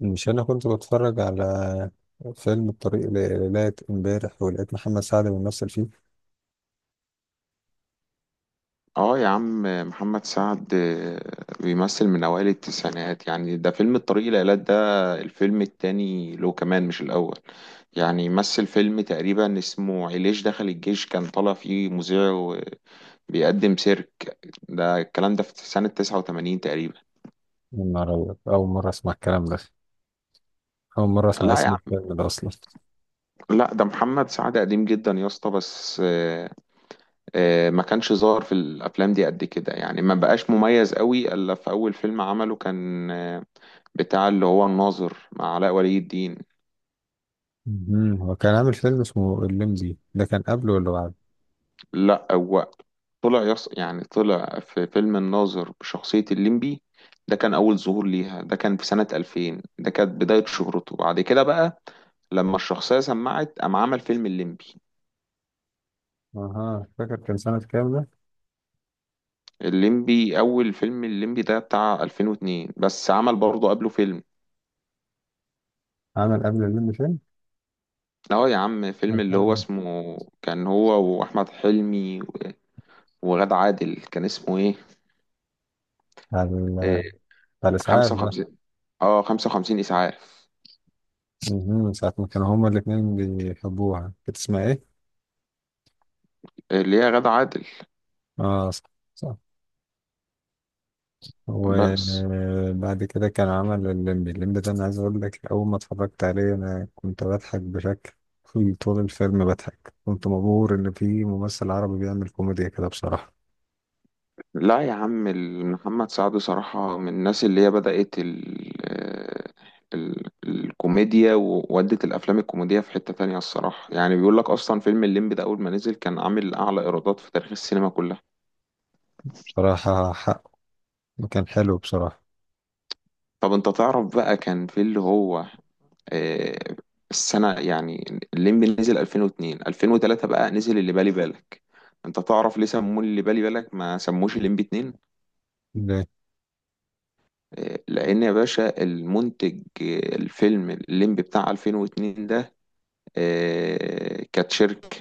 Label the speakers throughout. Speaker 1: مش انا كنت بتفرج على فيلم الطريق لغاية امبارح ولقيت محمد سعد بيمثل فيه.
Speaker 2: اه يا عم. محمد سعد بيمثل من اوائل التسعينات، يعني ده فيلم الطريق الى ايلات، ده الفيلم التاني له كمان، مش الاول. يعني مثل فيلم تقريبا اسمه علاج، دخل الجيش كان طالع فيه مذيع وبيقدم سيرك. ده الكلام ده في سنة 89 تقريبا.
Speaker 1: من مرة اول مرة اسمع الكلام ده. اول مرة اسمع
Speaker 2: لا يا
Speaker 1: اسم
Speaker 2: عم.
Speaker 1: الفيلم ده اصلا.
Speaker 2: لا، ده محمد سعد قديم جدا يا اسطى، بس ما كانش ظاهر في الافلام دي قد كده، يعني ما بقاش مميز قوي الا في اول فيلم عمله، كان بتاع اللي هو الناظر مع علاء ولي الدين.
Speaker 1: مهم. هو كان عامل فيلم اسمه الليمبي، ده كان قبله ولا بعد؟
Speaker 2: لا هو طلع يعني طلع في فيلم الناظر بشخصية الليمبي. ده كان أول ظهور ليها، ده كان في سنة 2000، ده كانت بداية شهرته بعد كده، بقى لما الشخصية سمعت قام عمل فيلم الليمبي.
Speaker 1: اها، فاكر كان سنة كام ده؟
Speaker 2: الليمبي، أول فيلم الليمبي ده بتاع 2002، بس عمل برضه قبله فيلم.
Speaker 1: عمل قبل الليمبي فيلم؟
Speaker 2: اه يا عم،
Speaker 1: كان
Speaker 2: فيلم اللي هو
Speaker 1: سنة-
Speaker 2: اسمه كان هو وأحمد حلمي وغادة عادل، كان اسمه ايه؟
Speaker 1: بتاع ال-
Speaker 2: إيه
Speaker 1: بتاع الاسعاف ده.
Speaker 2: 55، اه 55 إسعاف.
Speaker 1: مهم. من ساعة ما كانوا هما الاتنين بيحبوها، كانت اسمها ايه؟
Speaker 2: اللي هي غادة عادل،
Speaker 1: اه صح. صح.
Speaker 2: بس.
Speaker 1: وبعد كده كان عمل الليمبي. الليمبي ده انا عايز اقول لك، اول ما اتفرجت عليه انا كنت بضحك بشكل طول الفيلم بضحك. كنت مبهور ان في ممثل عربي بيعمل كوميديا كده بصراحة.
Speaker 2: لا يا عم، محمد سعد صراحة من الناس اللي هي بدأت ال ال الكوميديا، وودت الأفلام الكوميدية في حتة تانية الصراحة. يعني بيقول لك أصلا فيلم الليمبي ده أول ما نزل كان عامل أعلى إيرادات في تاريخ السينما كلها.
Speaker 1: بصراحة حقه، كان حلو بصراحة.
Speaker 2: طب أنت تعرف بقى كان في اللي هو آه، السنة، يعني الليمبي نزل 2002، 2003 بقى نزل اللي بالي بالك. أنت تعرف ليه سموه اللي بالي بالك، ما سموش الليمبي 2؟
Speaker 1: ليه؟
Speaker 2: لان يا باشا المنتج الفيلم الليمبي بتاع 2002 ده كانت شركة،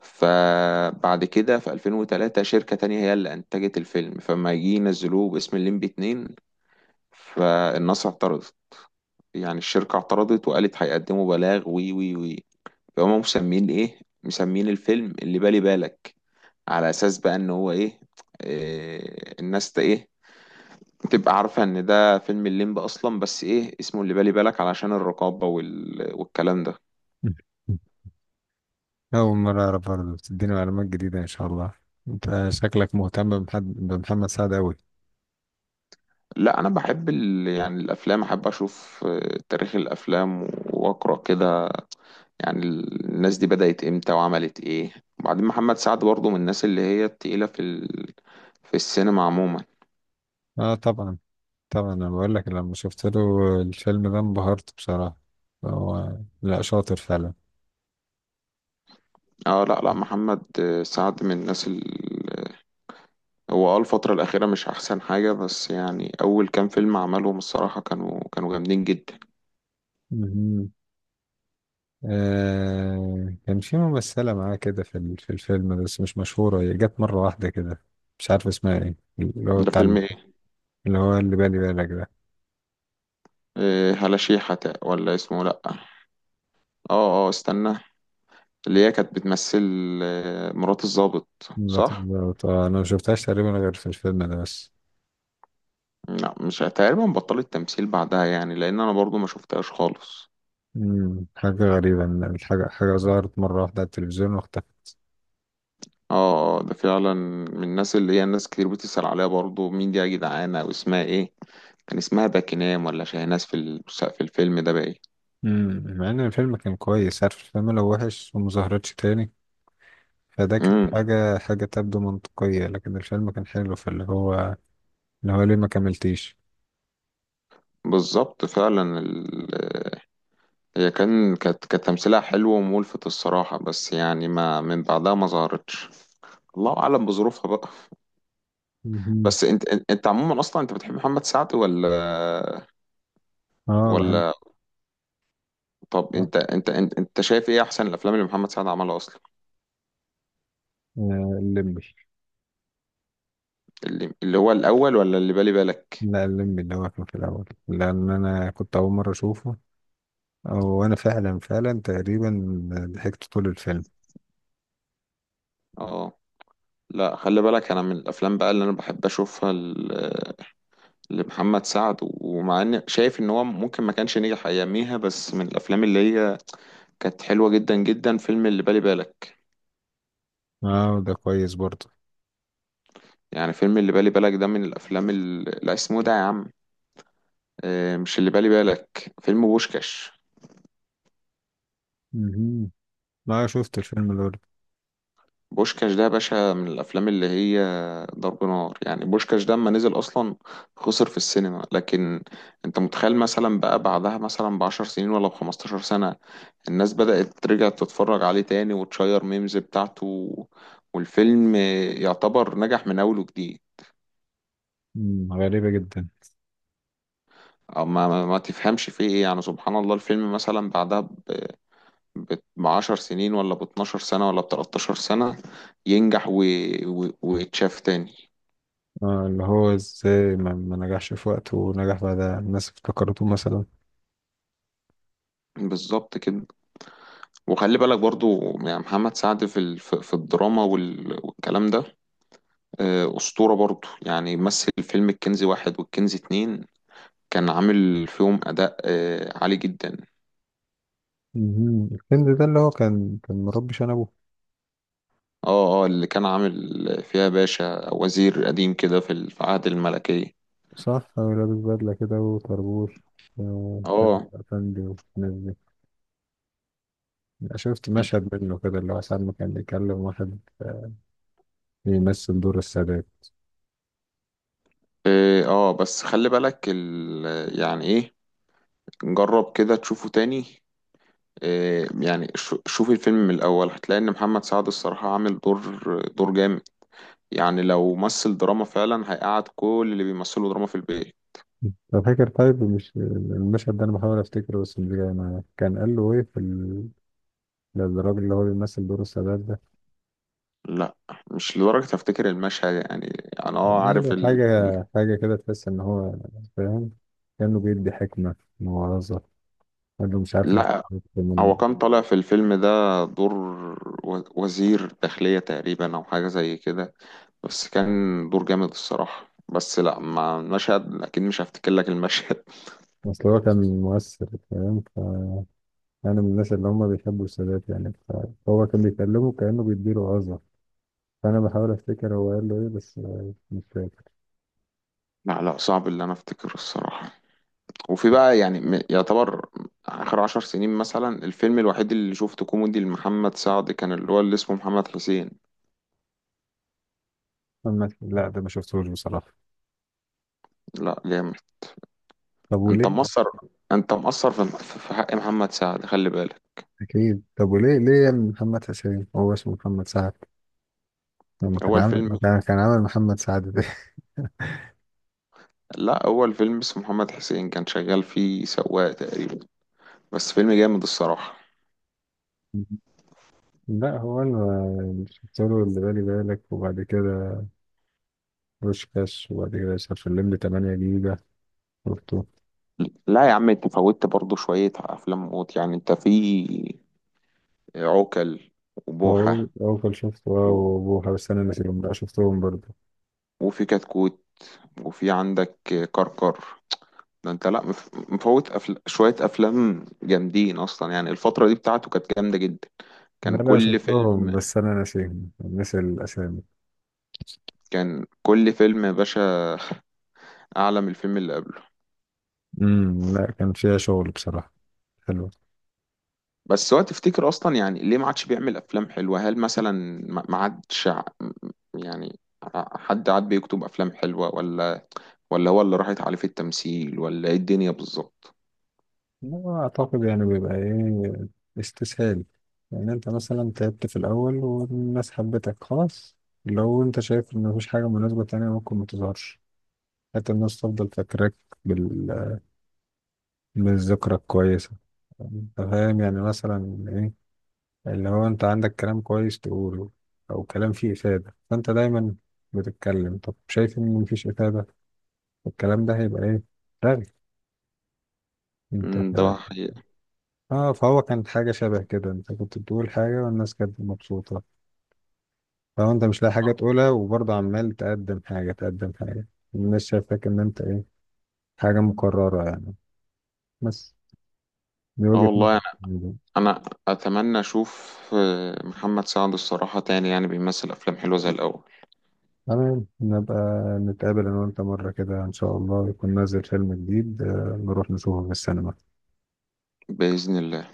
Speaker 2: فبعد كده في 2003 شركة تانية هي اللي انتجت الفيلم، فما يجي ينزلوه باسم الليمبي 2، فالناس اعترضت. يعني الشركة اعترضت وقالت هيقدموا بلاغ وي وي وي. فهم مسمين ايه؟ مسمين الفيلم اللي بالي بالك، على اساس بقى ان هو ايه، الناس ايه تبقى عارفة ان ده فيلم الليمب اصلا، بس ايه اسمه اللي بالي بالك علشان الرقابة والكلام ده.
Speaker 1: اول مرة اعرف برضه. بتديني معلومات جديدة ان شاء الله. انت شكلك مهتم بمحمد سعد اوي.
Speaker 2: لا انا بحب يعني الافلام، احب اشوف تاريخ الافلام واقرا كده، يعني الناس دي بدأت امتى وعملت ايه. وبعدين محمد سعد برضه من الناس اللي هي التقيلة في في السينما عموما.
Speaker 1: اه طبعا طبعا انا بقول لك لما شفت له الفيلم ده انبهرت بصراحة هو لا شاطر فعلا
Speaker 2: اه، لا لا، محمد سعد من الناس هو الفترة الأخيرة مش أحسن حاجة، بس يعني أول كام فيلم عملهم الصراحة كانوا جامدين جدا.
Speaker 1: آه كان في ممثلة معاه كده في ال- في الفيلم بس مش مشهورة هي جت مرة واحدة كده مش عارف اسمها ايه اللي هو
Speaker 2: ده
Speaker 1: بتاع ال-
Speaker 2: فيلم
Speaker 1: اللي هو اللي بالي بالك ده
Speaker 2: إيه؟ هلاشيحة ولا اسمه لأ اه. اه استنى، اللي هي كانت بتمثل مرات الضابط،
Speaker 1: بط-
Speaker 2: صح؟
Speaker 1: بط- انا ما شفتهاش تقريبا غير في الفيلم ده بس
Speaker 2: لا، مش تقريبا، بطلت تمثيل بعدها، يعني لأن أنا برضو ما شفتهاش خالص.
Speaker 1: مم. حاجة غريبة ان الحاجة حاجة ظهرت مرة واحدة على التلفزيون واختفت
Speaker 2: اه اه، ده فعلا من الناس اللي هي الناس كتير بتسأل عليها برضو، مين دي يا جدعانة، أو اسمها ايه. كان اسمها باكينام ولا شاهناز في في الفيلم ده، باين.
Speaker 1: مم. مع ان الفيلم كان كويس عارف الفيلم لو وحش وما ظهرتش تاني فده كانت
Speaker 2: امم
Speaker 1: حاجة حاجة تبدو منطقية لكن الفيلم كان حلو فاللي هو اللي هو ليه ما كملتيش
Speaker 2: بالظبط، فعلا هي كانت تمثيلها حلو وملفت الصراحة، بس يعني ما من بعدها ما ظهرتش. الله اعلم بظروفها بقى.
Speaker 1: مهم.
Speaker 2: بس انت عموما اصلا، انت بتحب محمد سعد ولا؟
Speaker 1: اه بحب.
Speaker 2: ولا طب
Speaker 1: آه.
Speaker 2: انت شايف ايه احسن الافلام اللي محمد سعد عملها اصلا؟
Speaker 1: آه، الليمبي.
Speaker 2: اللي هو الاول ولا اللي بالي بالك؟
Speaker 1: لا الليمبي اللي هو كان في الأول، لأن أنا كنت أول مرة أشوفه. أو أنا فعلا، فعلا تقريبا ضحكت طول الفيلم.
Speaker 2: اه، لا خلي بالك، انا من الافلام بقى اللي انا بحب اشوفها لمحمد سعد، ومع ان شايف ان هو ممكن ما كانش نجح اياميها، بس من الافلام اللي هي كانت حلوه جدا جدا فيلم اللي بالي بالك.
Speaker 1: اه ده كويس برضه.
Speaker 2: يعني فيلم اللي بالي بالك ده من الافلام اللي، لا اسمه ده يا عم مش اللي بالي بالك، فيلم بوشكاش.
Speaker 1: مهم. ما شفت الفيلم ده برضه.
Speaker 2: بوشكاش ده يا باشا من الافلام اللي هي ضرب نار، يعني بوشكاش ده اما نزل اصلا خسر في السينما، لكن انت متخيل مثلا بقى بعدها مثلا ب10 سنين ولا ب15 سنة الناس بدأت ترجع تتفرج عليه تاني وتشير ميمز بتاعته، والفيلم يعتبر نجح من اول وجديد.
Speaker 1: مم، غريبة جدا.
Speaker 2: أو ما تفهمش فيه ايه، يعني سبحان الله، الفيلم مثلا بعدها ب10 سنين ولا ب12 سنة ولا ب13 سنة ينجح ويتشاف تاني.
Speaker 1: اه، اللي هو ازاي ما نجحش في وقته ونجح بعدها الناس افتكرته مثلا.
Speaker 2: بالظبط كده، وخلي بالك برضو يعني محمد سعد في في الدراما والكلام ده أسطورة برضو، يعني مثل فيلم الكنز واحد والكنز اتنين، كان عامل فيهم أداء عالي جدا.
Speaker 1: مهم. الفيلم ده اللي هو كان مربي شنبه.
Speaker 2: اه اه، اللي كان عامل فيها باشا وزير قديم كده في في عهد الملكية.
Speaker 1: صح، هو لابس بدلة كده وطربوش. آه، كان
Speaker 2: اه
Speaker 1: أفندي والناس دي. شفت مشهد منه كده، اللي هو ساعة ما كان بيكلم واحد بيمثل دور السادات.
Speaker 2: اه بس خلي بالك يعني ايه، جرب كده تشوفه تاني. يعني شوف الفيلم من الأول، هتلاقي إن محمد سعد الصراحة عامل دور جامد، يعني لو مثل دراما فعلا هيقعد كل اللي بيمثلوا دراما في البيت.
Speaker 1: أنا فاكر. طيب مش المشهد ده أنا بحاول أفتكره، بس مش جاي معايا كان قال له إيه في ال... للراجل اللي هو بيمثل دور السادات ده.
Speaker 2: لا، مش لدرجة افتكر المشهد يعني، انا
Speaker 1: قال
Speaker 2: عارف
Speaker 1: له حاجة، حاجة كده تحس إن هو فاهم، كأنه بيدي حكمة، موعظة. قال له مش عارف، مش
Speaker 2: لا،
Speaker 1: من.
Speaker 2: هو كان طالع في الفيلم ده دور وزير داخلية تقريبا او حاجة زي كده، بس كان دور جامد الصراحة، بس لا مع المشهد اكيد مش هفتكر لك المشهد.
Speaker 1: أصل هو كان مؤثر فاهم. فأنا من الناس اللي هم بيحبوا السادات يعني. فهو كان بيكلمه كأنه بيديله وعظة. فأنا بحاول أفتكر هو قال له إيه، بس مش فاكر.
Speaker 2: لا لا، صعب اللي انا افتكره الصراحة. وفي بقى يعني يعتبر اخر 10 سنين مثلا الفيلم الوحيد اللي شفته كوميدي لمحمد سعد، كان اللي هو اللي اسمه محمد حسين.
Speaker 1: محمد، لا ده ما شفتهوش بصراحة.
Speaker 2: لا، جامد.
Speaker 1: طب
Speaker 2: انت
Speaker 1: وليه؟
Speaker 2: مقصر، انت مقصر في حق محمد سعد، خلي بالك.
Speaker 1: أكيد. طب وليه ليه يا ابن محمد حسين هو اسمه محمد سعد لما كان
Speaker 2: هو
Speaker 1: عامل ما
Speaker 2: الفيلم،
Speaker 1: كان كان عامل محمد سعد ده.
Speaker 2: لا هو الفيلم اسمه محمد حسين، كان شغال فيه سواق تقريبا، بس فيلم جامد الصراحة.
Speaker 1: لا هو اللي شفت له اللي بالي بالك، وبعد كده بوشكاش، وبعد كده شاف اللمبي 8 جيجا شفته.
Speaker 2: لا يا عم، انت فوتت برضو شوية افلام موت، يعني انت في عوكل،
Speaker 1: أو
Speaker 2: وبوحة
Speaker 1: أول شفته أه
Speaker 2: و...
Speaker 1: وأبوها، بس أنا
Speaker 2: و-
Speaker 1: ناسيهم. لا شفتهم برضه.
Speaker 2: وفي كتكوت، وفي عندك كركر. ده انت لا مفوت شوية افلام جامدين اصلا، يعني الفترة دي بتاعته كانت جامدة جدا.
Speaker 1: لا
Speaker 2: كان
Speaker 1: لا
Speaker 2: كل
Speaker 1: شفتهم،
Speaker 2: فيلم
Speaker 1: بس أنا ناسيهم، ناسي الأسامي.
Speaker 2: كان كل فيلم يا باشا اعلى من الفيلم اللي قبله.
Speaker 1: امم، لا كان فيها شغل بصراحة حلو.
Speaker 2: بس هو تفتكر اصلا يعني ليه ما عادش بيعمل افلام حلوه؟ هل مثلا ما عادش يعني حد عاد بيكتب افلام حلوه، ولا هو اللي راحت عليه في التمثيل ولا ايه الدنيا بالظبط؟
Speaker 1: لا، أعتقد يعني بيبقى إيه، استسهال. يعني أنت مثلا تعبت في الأول والناس حبتك خلاص. لو أنت شايف إن مفيش حاجة مناسبة تانية ممكن متظهرش، حتى الناس تفضل فاكراك بال... بالذكرى الكويسة. أنت فاهم يعني مثلا إيه، اللي هو أنت عندك كلام كويس تقوله، أو كلام فيه إفادة، فأنت دايما بتتكلم. طب شايف إن مفيش إفادة، الكلام ده هيبقى إيه؟ رغي. أنت.
Speaker 2: مم، ده حقيقة.
Speaker 1: اه فهو كانت حاجة شبه كده، انت كنت بتقول حاجة والناس كانت مبسوطة. لو انت مش لاقي حاجة تقولها وبرضه عمال تقدم حاجة، الناس شايفاك ان انت ايه، حاجة مكررة يعني. بس دي
Speaker 2: اه
Speaker 1: وجهة
Speaker 2: والله
Speaker 1: نظر.
Speaker 2: يعني، انا اتمنى اشوف محمد سعد الصراحه تاني، يعني بيمثل افلام حلوه زي الاول،
Speaker 1: تمام، نبقى نتقابل انا وانت مرة كده ان شاء الله يكون نازل فيلم جديد نروح نشوفه في السينما.
Speaker 2: باذن الله.